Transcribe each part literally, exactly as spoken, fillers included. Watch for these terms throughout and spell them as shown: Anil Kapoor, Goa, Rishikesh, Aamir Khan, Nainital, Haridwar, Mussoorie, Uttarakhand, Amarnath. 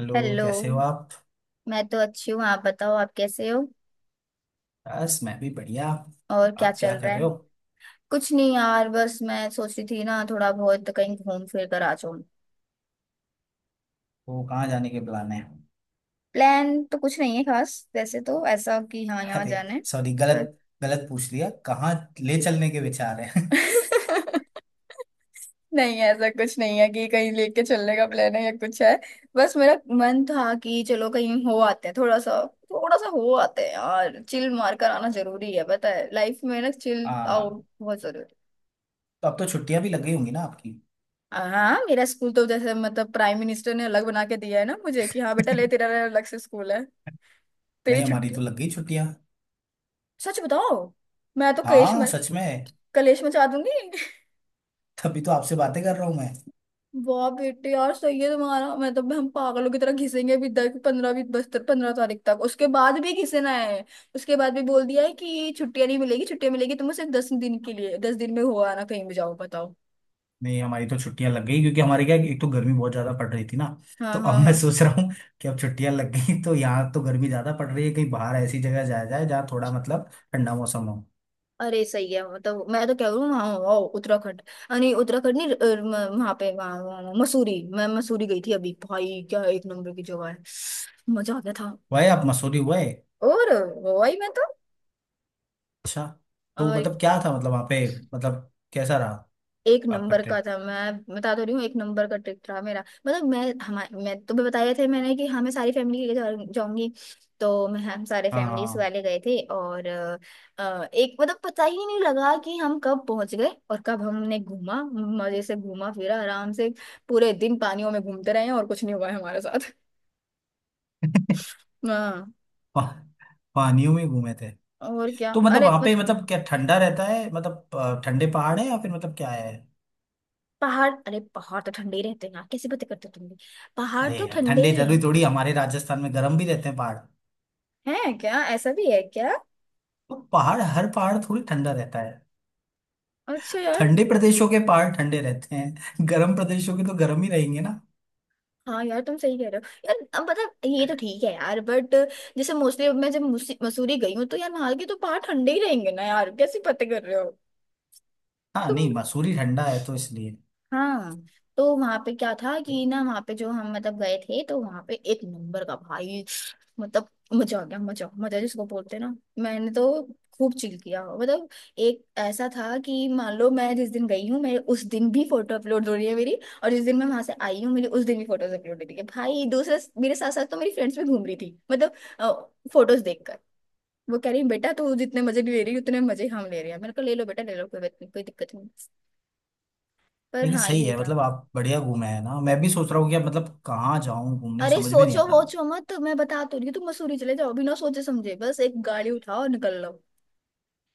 Hello. Hello. कैसे हो आप? मैं तो अच्छी हूँ, आप बताओ आप कैसे हो। बस मैं भी बढ़िया। और क्या आप क्या चल रहा कर है? रहे हो? कुछ नहीं यार, बस मैं सोच रही थी ना थोड़ा बहुत कहीं घूम फिर कर आ जाऊँ। वो कहाँ जाने के प्लान है? प्लान तो कुछ नहीं है खास, वैसे तो ऐसा कि हाँ यहाँ अरे जाना है। सॉरी पर गलत गलत पूछ लिया, कहाँ ले चलने के विचार हैं? नहीं, ऐसा कुछ नहीं है कि कहीं लेके चलने का प्लान है या कुछ है। बस मेरा मन था कि चलो कहीं हो आते हैं थोड़ा सा। थोड़ा सा हो आते हैं यार, चिल मार कर आना जरूरी है, पता है लाइफ में ना चिल हाँ। आउट बहुत जरूरी है। तो अब तो छुट्टियां भी लग गई होंगी ना आपकी? हाँ, मेरा स्कूल तो जैसे मतलब प्राइम मिनिस्टर ने अलग बना के दिया है ना मुझे कि हाँ बेटा ले तेरा अलग से स्कूल है, तेरी नहीं, हमारी छुट्टी। तो लग गई छुट्टियां। सच बताओ। मैं तो कलेश हाँ मच, सच में, कलेश मचा दूंगी। तभी तो आपसे बातें कर रहा हूँ मैं। वाह बेटे यार सही है तुम्हारा। मैं तो हम पागलों की तरह घिसेंगे भी, दस पंद्रह भी, बस पंद्रह तारीख तक, उसके बाद भी घिसना है। उसके बाद भी बोल दिया है कि छुट्टियां नहीं मिलेगी, छुट्टियां मिलेगी तुम्हें सिर्फ दस दिन के लिए, दस दिन में हो आना कहीं भी जाओ बताओ। नहीं, हमारी तो छुट्टियां लग गई क्योंकि हमारे क्या, एक तो गर्मी बहुत ज्यादा पड़ रही थी ना। हाँ, तो अब हाँ, मैं हाँ। सोच रहा हूँ कि अब छुट्टियां लग गई तो यहाँ तो गर्मी ज्यादा पड़ रही है, कहीं बाहर ऐसी जगह जाया जाए जहाँ थोड़ा मतलब ठंडा मौसम हो। अरे सही है, मतलब मैं तो कह रही हूँ वहाँ वहाँ उत्तराखंड, अ, नहीं उत्तराखंड नहीं, अ, म- वहाँ पे वहाँ वहाँ- मसूरी। मैं मसूरी गई थी अभी भाई, क्या एक नंबर की जगह है। मजा आ गया था। हुआ है? आप मसूरी हुए? और वही मैं तो। अच्छा। तो और मतलब क्या था, मतलब वहाँ पे, मतलब कैसा रहा? एक आपका नंबर का ट्रिप? था, मैं बता तो रही हूँ, एक नंबर का ट्रिप था मेरा। मतलब मैं हमारे मैं तुम्हें बताया था मैंने कि हाँ मैं सारी फैमिली के लिए जा- जाऊंगी। तो मैं हम सारे फैमिलीज हाँ। वाले गए थे, और अ, अ, एक मतलब पता ही नहीं लगा कि हम कब पहुंच गए और कब हमने घूमा, मजे से घूमा फिरा आराम से। पूरे दिन पानियों में घूमते रहे हैं और कुछ नहीं हुआ है हमारे साथ। हाँ। पा, पानियों में घूमे थे? और क्या तो मतलब अरे वहाँ पे मतलब, मतलब क्या ठंडा रहता है, मतलब अ, ठंडे पहाड़ है या फिर मतलब क्या है? पहाड़ अरे पहाड़ तो ठंडे ही रहते हैं ना, कैसी बातें करते हो तुम भी। पहाड़ अरे तो यार ठंडे ठंडे ही जरूरी हैं। थोड़ी, हमारे राजस्थान में गर्म भी रहते हैं पहाड़। हैं, क्या ऐसा भी है क्या? तो पहाड़, हर पहाड़ थोड़ी ठंडा रहता है। अच्छा यार। ठंडे प्रदेशों के पहाड़ ठंडे रहते हैं। गर्म प्रदेशों के तो गर्म ही रहेंगे ना। हाँ यार तुम सही कह रहे हो यार, अब मतलब ये तो ठीक है यार, बट जैसे मोस्टली मैं जब मुसी- मसूरी गई हूँ तो यार वहां के तो पहाड़ ठंडे ही रहेंगे ना यार, कैसी बातें कर रहे हो हाँ तुम? नहीं, मसूरी ठंडा है तो इसलिए। हाँ। तो वहां पे क्या था कि ना, वहां पे जो हम मतलब गए थे तो वहां पे एक नंबर का भाई, मतलब मजा आ गया, मजा मजा जिसको बोलते हैं ना। मैंने तो खूब चिल किया मतलब। एक ऐसा था कि मान लो मैं जिस दिन गई हूँ, मेरे उस दिन भी फोटो अपलोड हो रही है मेरी, और जिस दिन मैं वहां से आई हूँ मेरी उस दिन भी फोटोज अपलोड हो रही है भाई। दूसरा, मेरे साथ साथ तो मेरी फ्रेंड्स भी घूम रही थी मतलब, फोटोज देखकर। वो कह रही, बेटा तू जितने मजे ले रही है, उतने मजे हम ले रहे हैं, मेरे को ले लो बेटा, ले लो, कोई बात नहीं, कोई दिक्कत नहीं। पर लेकिन हाँ, सही ये है, था। मतलब आप बढ़िया घूमे हैं ना, मैं भी सोच रहा हूँ कि अब मतलब कहाँ जाऊँ घूमने, अरे समझ में नहीं आ सोचो रहा। वोचो मत, मैं बता तो रही हूँ, तुम मसूरी चले जाओ बिना सोचे समझे, बस एक गाड़ी उठाओ और निकल लो।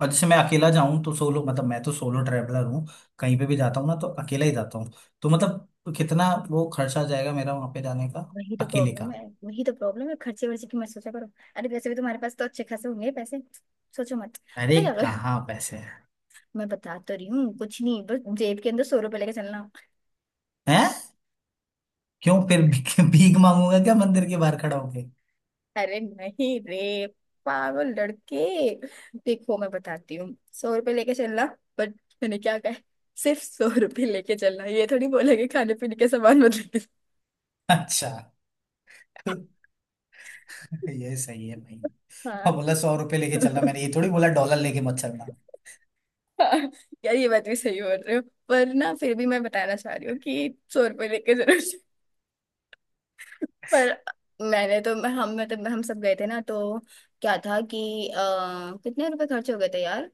और जैसे मैं अकेला जाऊं तो सोलो, मतलब मैं तो सोलो ट्रैवलर हूँ। कहीं पे भी जाता हूँ ना तो अकेला ही जाता हूँ। तो मतलब कितना वो खर्चा जाएगा मेरा वहां पे जाने का? वही तो अकेले का? प्रॉब्लम है वही तो प्रॉब्लम है खर्चे वर्चे की मत सोचा करो। अरे वैसे भी तुम्हारे पास तो अच्छे खासे होंगे पैसे, सोचो मत। पता अरे क्या करो। कहाँ पैसे हैं। मैं बता तो रही हूँ कुछ नहीं, बस जेब के अंदर सौ रुपए लेके चलना। हैं क्यों फिर भी- भीख मांगूंगा क्या मंदिर के बाहर खड़ा होके? अरे नहीं रे पागल लड़के, देखो मैं बताती हूँ, सौ रुपए लेके चलना, बट मैंने क्या कहा है? सिर्फ सौ रुपए लेके चलना, ये थोड़ी बोला कि खाने पीने के सामान मत लेके। अच्छा। ये सही है भाई। और हाँ। बोला सौ रुपये लेके चलना, मैंने ये थोड़ी बोला डॉलर लेके मत चलना। हाँ, यार ये बात भी सही बोल रहे हो। पर ना फिर भी मैं बताना चाह रही हूँ कि सौ रुपये लेके जरूर से- पर मैंने तो, हम मतलब हम सब गए थे ना, तो क्या था कि आ, कितने रुपए खर्च हो गए थे यार।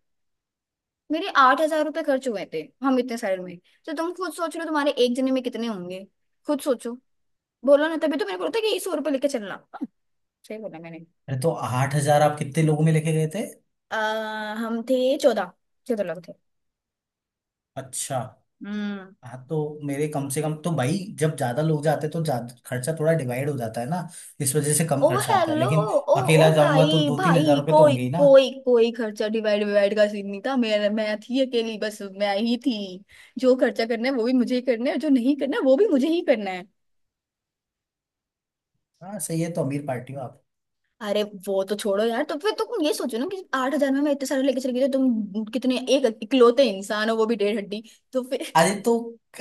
मेरे आठ हजार रुपये खर्च हुए थे, हम इतने सारे में। तो तुम खुद सोच रहे हो तुम्हारे एक जने में कितने होंगे। खुद सोचो, बोलो ना, तभी तो मैंने बोला था कि सौ रुपये लेके चलना। हाँ, सही बोला मैंने। अरे तो आठ हजार आप कितने लोगों में लेके गए थे? आ, हम थे चौदह, चौदह लोग थे। अच्छा। हम्म। हाँ तो मेरे कम से कम तो भाई, जब ज्यादा लोग जाते हैं तो ज्यादा खर्चा थोड़ा डिवाइड हो जाता है ना, इस वजह से कम ओ खर्चा आता है। हेलो। लेकिन ओ। अकेला ओ जाऊंगा तो भाई दो तीन हजार भाई, रुपये तो कोई होंगे ही ना। कोई कोई खर्चा डिवाइड डिवाइड का सीन नहीं था, मैं मैं थी अकेली, बस मैं ही थी। जो खर्चा करना है वो भी मुझे ही करना है, और जो नहीं करना है वो भी मुझे ही करना है। हाँ सही है, तो अमीर पार्टी हो आप। अरे वो तो छोड़ो यार, तो फिर तुम ये सोचो ना कि आठ हजार में मैं इतने सारे लेके चली गई, तो तुम कितने, एक इकलौते इंसान हो वो भी डेढ़ हड्डी। तो फिर। अरे तो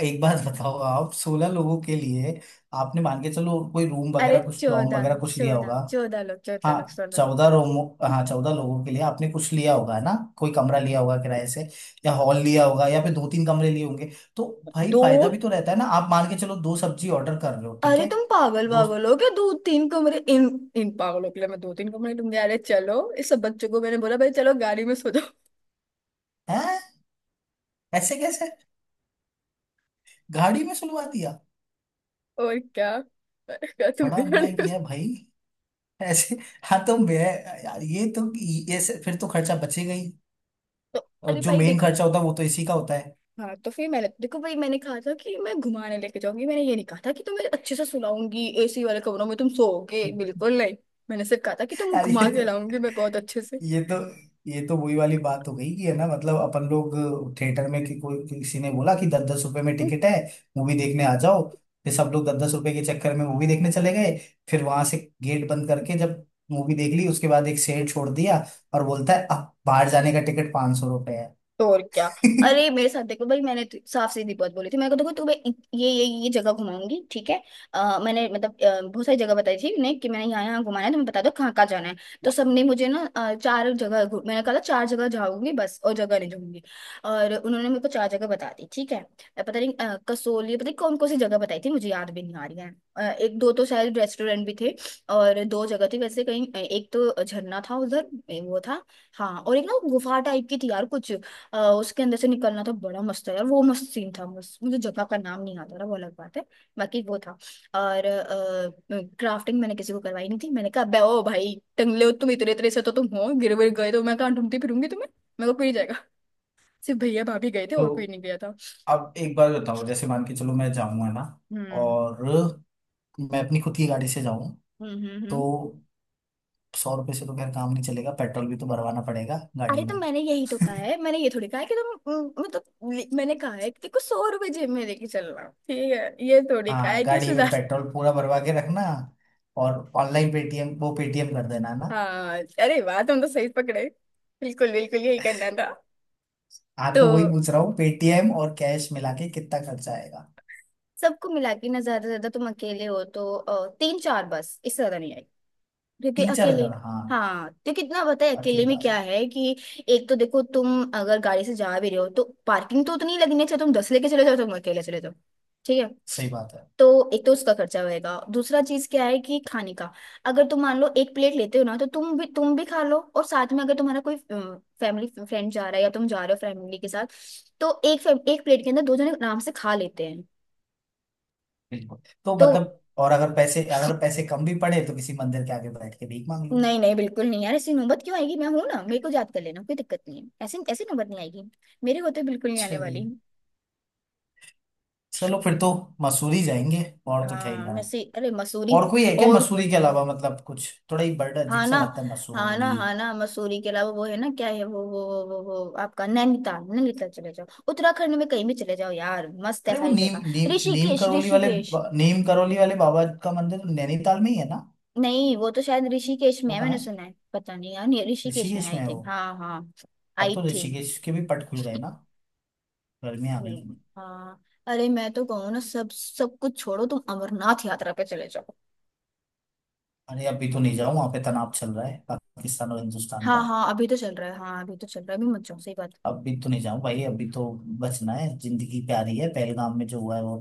एक बात बताओ, आप सोलह लोगों के लिए आपने मान के चलो कोई रूम अरे वगैरह कुछ डॉर्म चौदह, वगैरह कुछ लिया चौदह होगा। चौदह लोग, चौदह हाँ लोग, चौदह लोग। चौदह रूम। हाँ चौदह लोगों के लिए आपने कुछ लिया होगा है ना। कोई कमरा लिया होगा किराए से, या हॉल लिया होगा, या फिर दो तीन कमरे लिए होंगे। तो भाई दो। फायदा भी तो रहता है ना, आप मान के चलो दो सब्जी ऑर्डर कर रहे हो, ठीक अरे है? तुम पागल दो। पागल हो क्या, दो तीन कमरे इन, इन पागलों के लिए मैं दो तीन कमरे, तुम, अरे चलो इस सब बच्चों को मैंने बोला भाई चलो गाड़ी में सो जाओ। हैं? ऐसे कैसे गाड़ी में सुलवा दिया? और क्या। अरे क्या तुम बड़ा गाड़ी अन्याय में किया सो। है भाई ऐसे। हाँ तो मैं, यार ये तो, ऐसे फिर तो खर्चा बचेगा ही, तो और अरे जो भाई मेन देखो, खर्चा होता है वो तो इसी का होता हाँ तो फिर मैंने देखो भाई मैंने कहा था कि मैं घुमाने लेके जाऊंगी, मैंने ये नहीं कहा था कि तुम्हें अच्छे से सुलाऊंगी एसी वाले कमरों में तुम सोओगे, है। बिल्कुल नहीं। मैंने सिर्फ कहा था कि तुम यार ये घुमा के तो लाऊंगी मैं बहुत अच्छे से। ये तो ये तो वही वाली बात हो गई कि है ना, मतलब अपन लोग थिएटर में, कि कोई किसी ने बोला कि दस दस रुपए में टिकट है, मूवी देखने आ जाओ। फिर सब लोग दस दस रुपए के चक्कर में मूवी देखने चले गए, फिर वहां से गेट बंद करके जब मूवी देख ली उसके बाद एक शेर छोड़ दिया, और बोलता है अब बाहर जाने का टिकट पांच सौ रुपए है। तो और क्या। अरे मेरे साथ देखो भाई, मैंने तो साफ सीधी बात बोली थी, मैंने कहा देखो तुम्हें इत- ये ये ये जगह घुमाऊंगी ठीक है। अ, मैंने मतलब अ, बहुत सारी जगह बताई थी उन्हें कि मैंने यहाँ यहाँ घुमाना है, तुम्हें बता दो कहाँ कहाँ जाना है। तो सबने मुझे ना अ, चार जगह घु- मैंने कहा था चार जगह जाऊंगी बस, और जगह नहीं जाऊंगी, और उन्होंने मेरे को चार जगह बता दी ठीक है। अ, पता नहीं अ, कसोली, पता नहीं कौन कौन सी जगह बताई थी, मुझे याद भी नहीं आ रही है। अ, एक दो तो शायद रेस्टोरेंट भी थे, और दो जगह थी वैसे कहीं, अ, एक तो झरना था उधर, ए, वो था। हाँ, और एक ना गुफा टाइप की थी यार कुछ, अ, उसके अंदर से निकलना था, बड़ा मस्त था यार, वो मस्त सीन था मस्त, मुझे जगह का नाम नहीं याद आ रहा वो अलग बात है। बाकी वो था। और क्राफ्टिंग मैंने किसी को करवाई नहीं थी, मैंने कहा बे, ओ भाई टंगले हो तुम, इतने इतने से तो तुम हो, गिर गिर गए तो मैं कहाँ ढूंढती फिरूंगी तुम्हें, मेरे को कोई नहीं जाएगा। सिर्फ भैया भाभी गए थे तो और कोई नहीं गया था। अब एक बार बताओ, जैसे मान के चलो मैं जाऊंगा ना, हम्म और मैं अपनी खुद की गाड़ी से जाऊं, हम्म हम्म हम्म। तो सौ रुपये से तो खैर काम नहीं चलेगा, पेट्रोल भी तो भरवाना पड़ेगा अरे गाड़ी तो में। मैंने यही तो कहा है, मैंने ये थोड़ी कहा है कि तुम, हम्म, मतलब ले- मैंने कहा है कि देखो सौ रुपए जेब में लेके चलना ठीक है, ये थोड़ी कहा हाँ है कि गाड़ी उससे में ज्यादा। पेट्रोल पूरा भरवा के रखना, और ऑनलाइन पेटीएम वो पेटीएम कर देना है ना। हाँ। अरे वाह, तुम तो सही पकड़े, बिल्कुल बिल्कुल यही करना था। हाँ तो तो वही पूछ रहा हूँ पेटीएम और कैश मिला के कितना खर्चा आएगा? सबको मिला के ना ज्यादा से ज्यादा, तुम अकेले हो तो अ, तीन चार, बस इससे ज्यादा नहीं, क्योंकि तीन चार अकेले। हजार हाँ। हाँ, तो कितना पता है अकेले में अकेला। क्या है कि, एक तो देखो तुम अगर गाड़ी से जा भी रहे हो तो पार्किंग तो उतनी लगनी चाहिए, तुम दस लेके चले जाओ, तुम अकेले चले जाओ ठीक है। सही बात है। तो एक तो उसका खर्चा होएगा, दूसरा चीज क्या है कि खाने का, अगर तुम मान लो एक प्लेट लेते हो ना तो तुम भी तुम भी खा लो और साथ में अगर तुम्हारा कोई फैमिली फ्रेंड जा रहा है या तुम जा रहे हो फैमिली के साथ, तो एक फैम- एक प्लेट के अंदर दो जने आराम से खा लेते हैं। बिल्कुल। तो तो मतलब और अगर पैसे, अगर पैसे कम भी पड़े तो किसी मंदिर के आगे बैठ के भीख मांग लूँ। नहीं नहीं, बिल्कुल नहीं यार, ऐसी नौबत क्यों आएगी, मैं हूं ना, मेरे को याद कर लेना कोई दिक्कत नहीं है, ऐसी ऐसी नौबत नहीं आएगी, मेरे को तो बिल्कुल नहीं आने वाली। चलिए, चलो फिर तो मसूरी जाएंगे और तो क्या ही हाँ जाए। वैसे, अरे मसूरी, और कोई है क्या और मसूरी कोई के भी। अलावा? मतलब कुछ थोड़ा ही बड़ा अजीब हाँ सा ना, लगता है हाँ ना, मसूरी। हाँ ना, मसूरी के अलावा वो है ना क्या है वो, वो वो वो वो आपका नैनीताल, नैनीताल चले जाओ, उत्तराखंड में कहीं भी चले जाओ यार, मस्त है अरे वो सारी नीम जगह। नीम नीम ऋषिकेश करोली वाले ऋषिकेश बा- नीम करोली वाले बाबा का मंदिर तो नैनीताल में ही है ना? नहीं वो तो शायद ऋषिकेश में वो है, कहाँ मैंने है? सुना है पता नहीं यार, नहीं, ऋषिकेश में ऋषिकेश में आई है वो? थिंक, हाँ हाँ, अब तो आई थिंक। ऋषिकेश के भी पट खुल गए ना, गर्मी आ गई। हम्म, हाँ, अरे मैं तो कहूँ ना सब सब कुछ छोड़ो, तुम अमरनाथ यात्रा पे चले जाओ। अरे अभी तो नहीं जाऊँ वहां पे, तनाव चल रहा है पाकिस्तान और हिंदुस्तान हाँ का। हाँ, अभी तो चल रहा है, हाँ अभी तो चल रहा है, अभी मत जाओ, सही बात। अभी तो नहीं जाऊँ भाई, अभी तो बचना है, जिंदगी प्यारी है। पहलगाम में जो हुआ है वो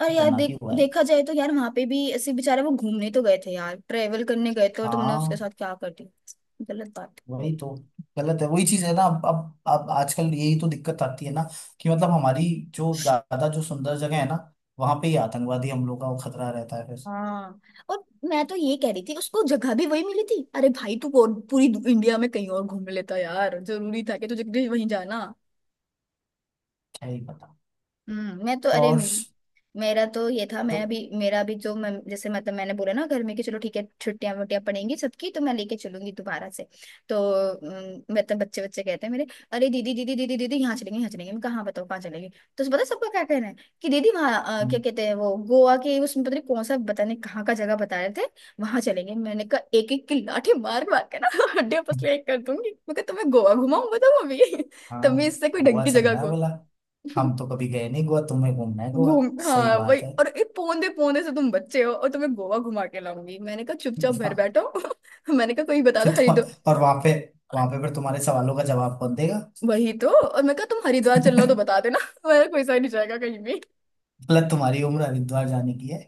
अरे यार खतरनाक देख, ही हुआ है। देखा जाए तो यार वहां पे भी ऐसे बेचारे वो घूमने तो गए थे यार, ट्रेवल करने गए थे, और तुमने उसके हाँ, साथ क्या कर दिया, गलत बात है वो। वही तो। गलत है। वही चीज है ना, अब अब अब आजकल यही तो दिक्कत आती है ना, कि मतलब हमारी जो ज्यादा, जो सुंदर जगह है ना वहां पे ही आतंकवादी हमलों का वो खतरा रहता है फिर। हाँ। और मैं तो ये कह रही थी उसको, जगह भी वही मिली थी, अरे भाई तू और पूरी इंडिया में कहीं और घूम लेता यार, जरूरी था कि तुझे वहीं जाना। क्या ही पता। हम्म मैं तो अरे, और मेरा तो ये था, जो मैं भी मेरा भी जो मैं जैसे मतलब मैंने बोला ना घर में कि चलो ठीक है, छुट्टियां वुट्टियां पड़ेंगी सबकी तो मैं लेके चलूंगी दोबारा से। तो अम, मतलब बच्चे बच्चे कहते हैं मेरे, अरे दीदी दीदी दीदी दीदी, यहाँ चलेंगे यहाँ चलेंगे, मैं कहाँ, बताओ कहाँ चलेंगे। तो पता है सबका क्या कहना है कि दीदी वहाँ, अ, क्या हम्म, कहते हैं वो गोवा के उसमें, पता नहीं कौन सा बताने कहाँ का जगह बता रहे थे, वहां चलेंगे। मैंने कहा एक एक की लाठी मार मार के ना हड्डियां हम्म, पसलियाँ एक कर दूंगी, मैं कहा तुम्हें गोवा घुमाऊं बताओ अभी। तब भी हाँ। इससे कोई ढंग गोवा की जगह चलना है को। बोला। हम तो कभी गए नहीं गोवा, तुम्हें घूमना है गोवा, घूम, सही हाँ वही, बात है। और ये पौंदे पौंदे से तुम बच्चे हो और तुम्हें गोवा घुमा के लाऊंगी, मैंने कहा चुपचाप घर हाँ, बैठो। मैंने कहा कोई बता दो फिर तुम हरिद्वार। और वहां पे, वहां पे फिर तुम्हारे सवालों का जवाब कौन देगा? वही तो, और मैं कहा तुम हरिद्वार चल रहे हो तो बता देना। मेरा कोई सा नहीं जाएगा कहीं भी। गलत, तुम्हारी उम्र हरिद्वार जाने की है।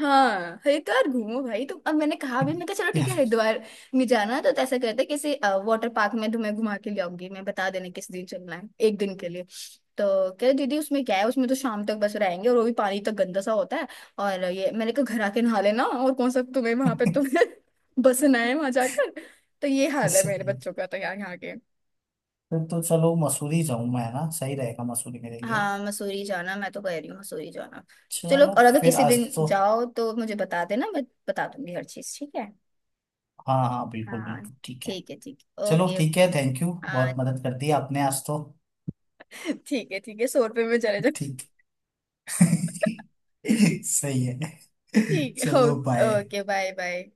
हाँ, हरिद्वार घूमो भाई, तो अब मैंने कहा भी, मैं कहा चलो या ठीक है हरिद्वार में जाना है, तो ऐसा करते हैं किसी वाटर पार्क में तुम्हें घुमा के ले आऊंगी, मैं बता देना किस दिन चलना है एक दिन के लिए। तो कह रहे, दीदी उसमें क्या है, उसमें तो शाम तक बस रहेंगे और वो भी पानी तक गंदा सा होता है, और ये मैंने कहा घर आके नहा लेना, और कौन सा तुम्हें वहां पे फिर- तुम्हें बसना है वहां जाकर। तो ये हाल है मेरे सही। बच्चों का, तो यहाँ यहाँ के। फिर तो चलो मसूरी जाऊं मैं है ना, सही रहेगा मसूरी मेरे लिए। हाँ मसूरी जाना, मैं तो कह रही हूँ मसूरी जाना। चलो, चलो और अगर फिर किसी आज दिन तो। जाओ तो मुझे बता देना, मैं बता दूंगी हर चीज, ठीक है। हाँ हाँ, बिल्कुल हाँ, बिल्कुल, ठीक है। ठीक है ठीक है, चलो ओके ठीक है, ओके। थैंक यू, हाँ। बहुत मदद कर दी आपने आज तो। ठीक है ठीक है, सौ रुपये में चले जाओ। ठीक। सही है। ठीक है, चलो okay bye. Okay, bye bye.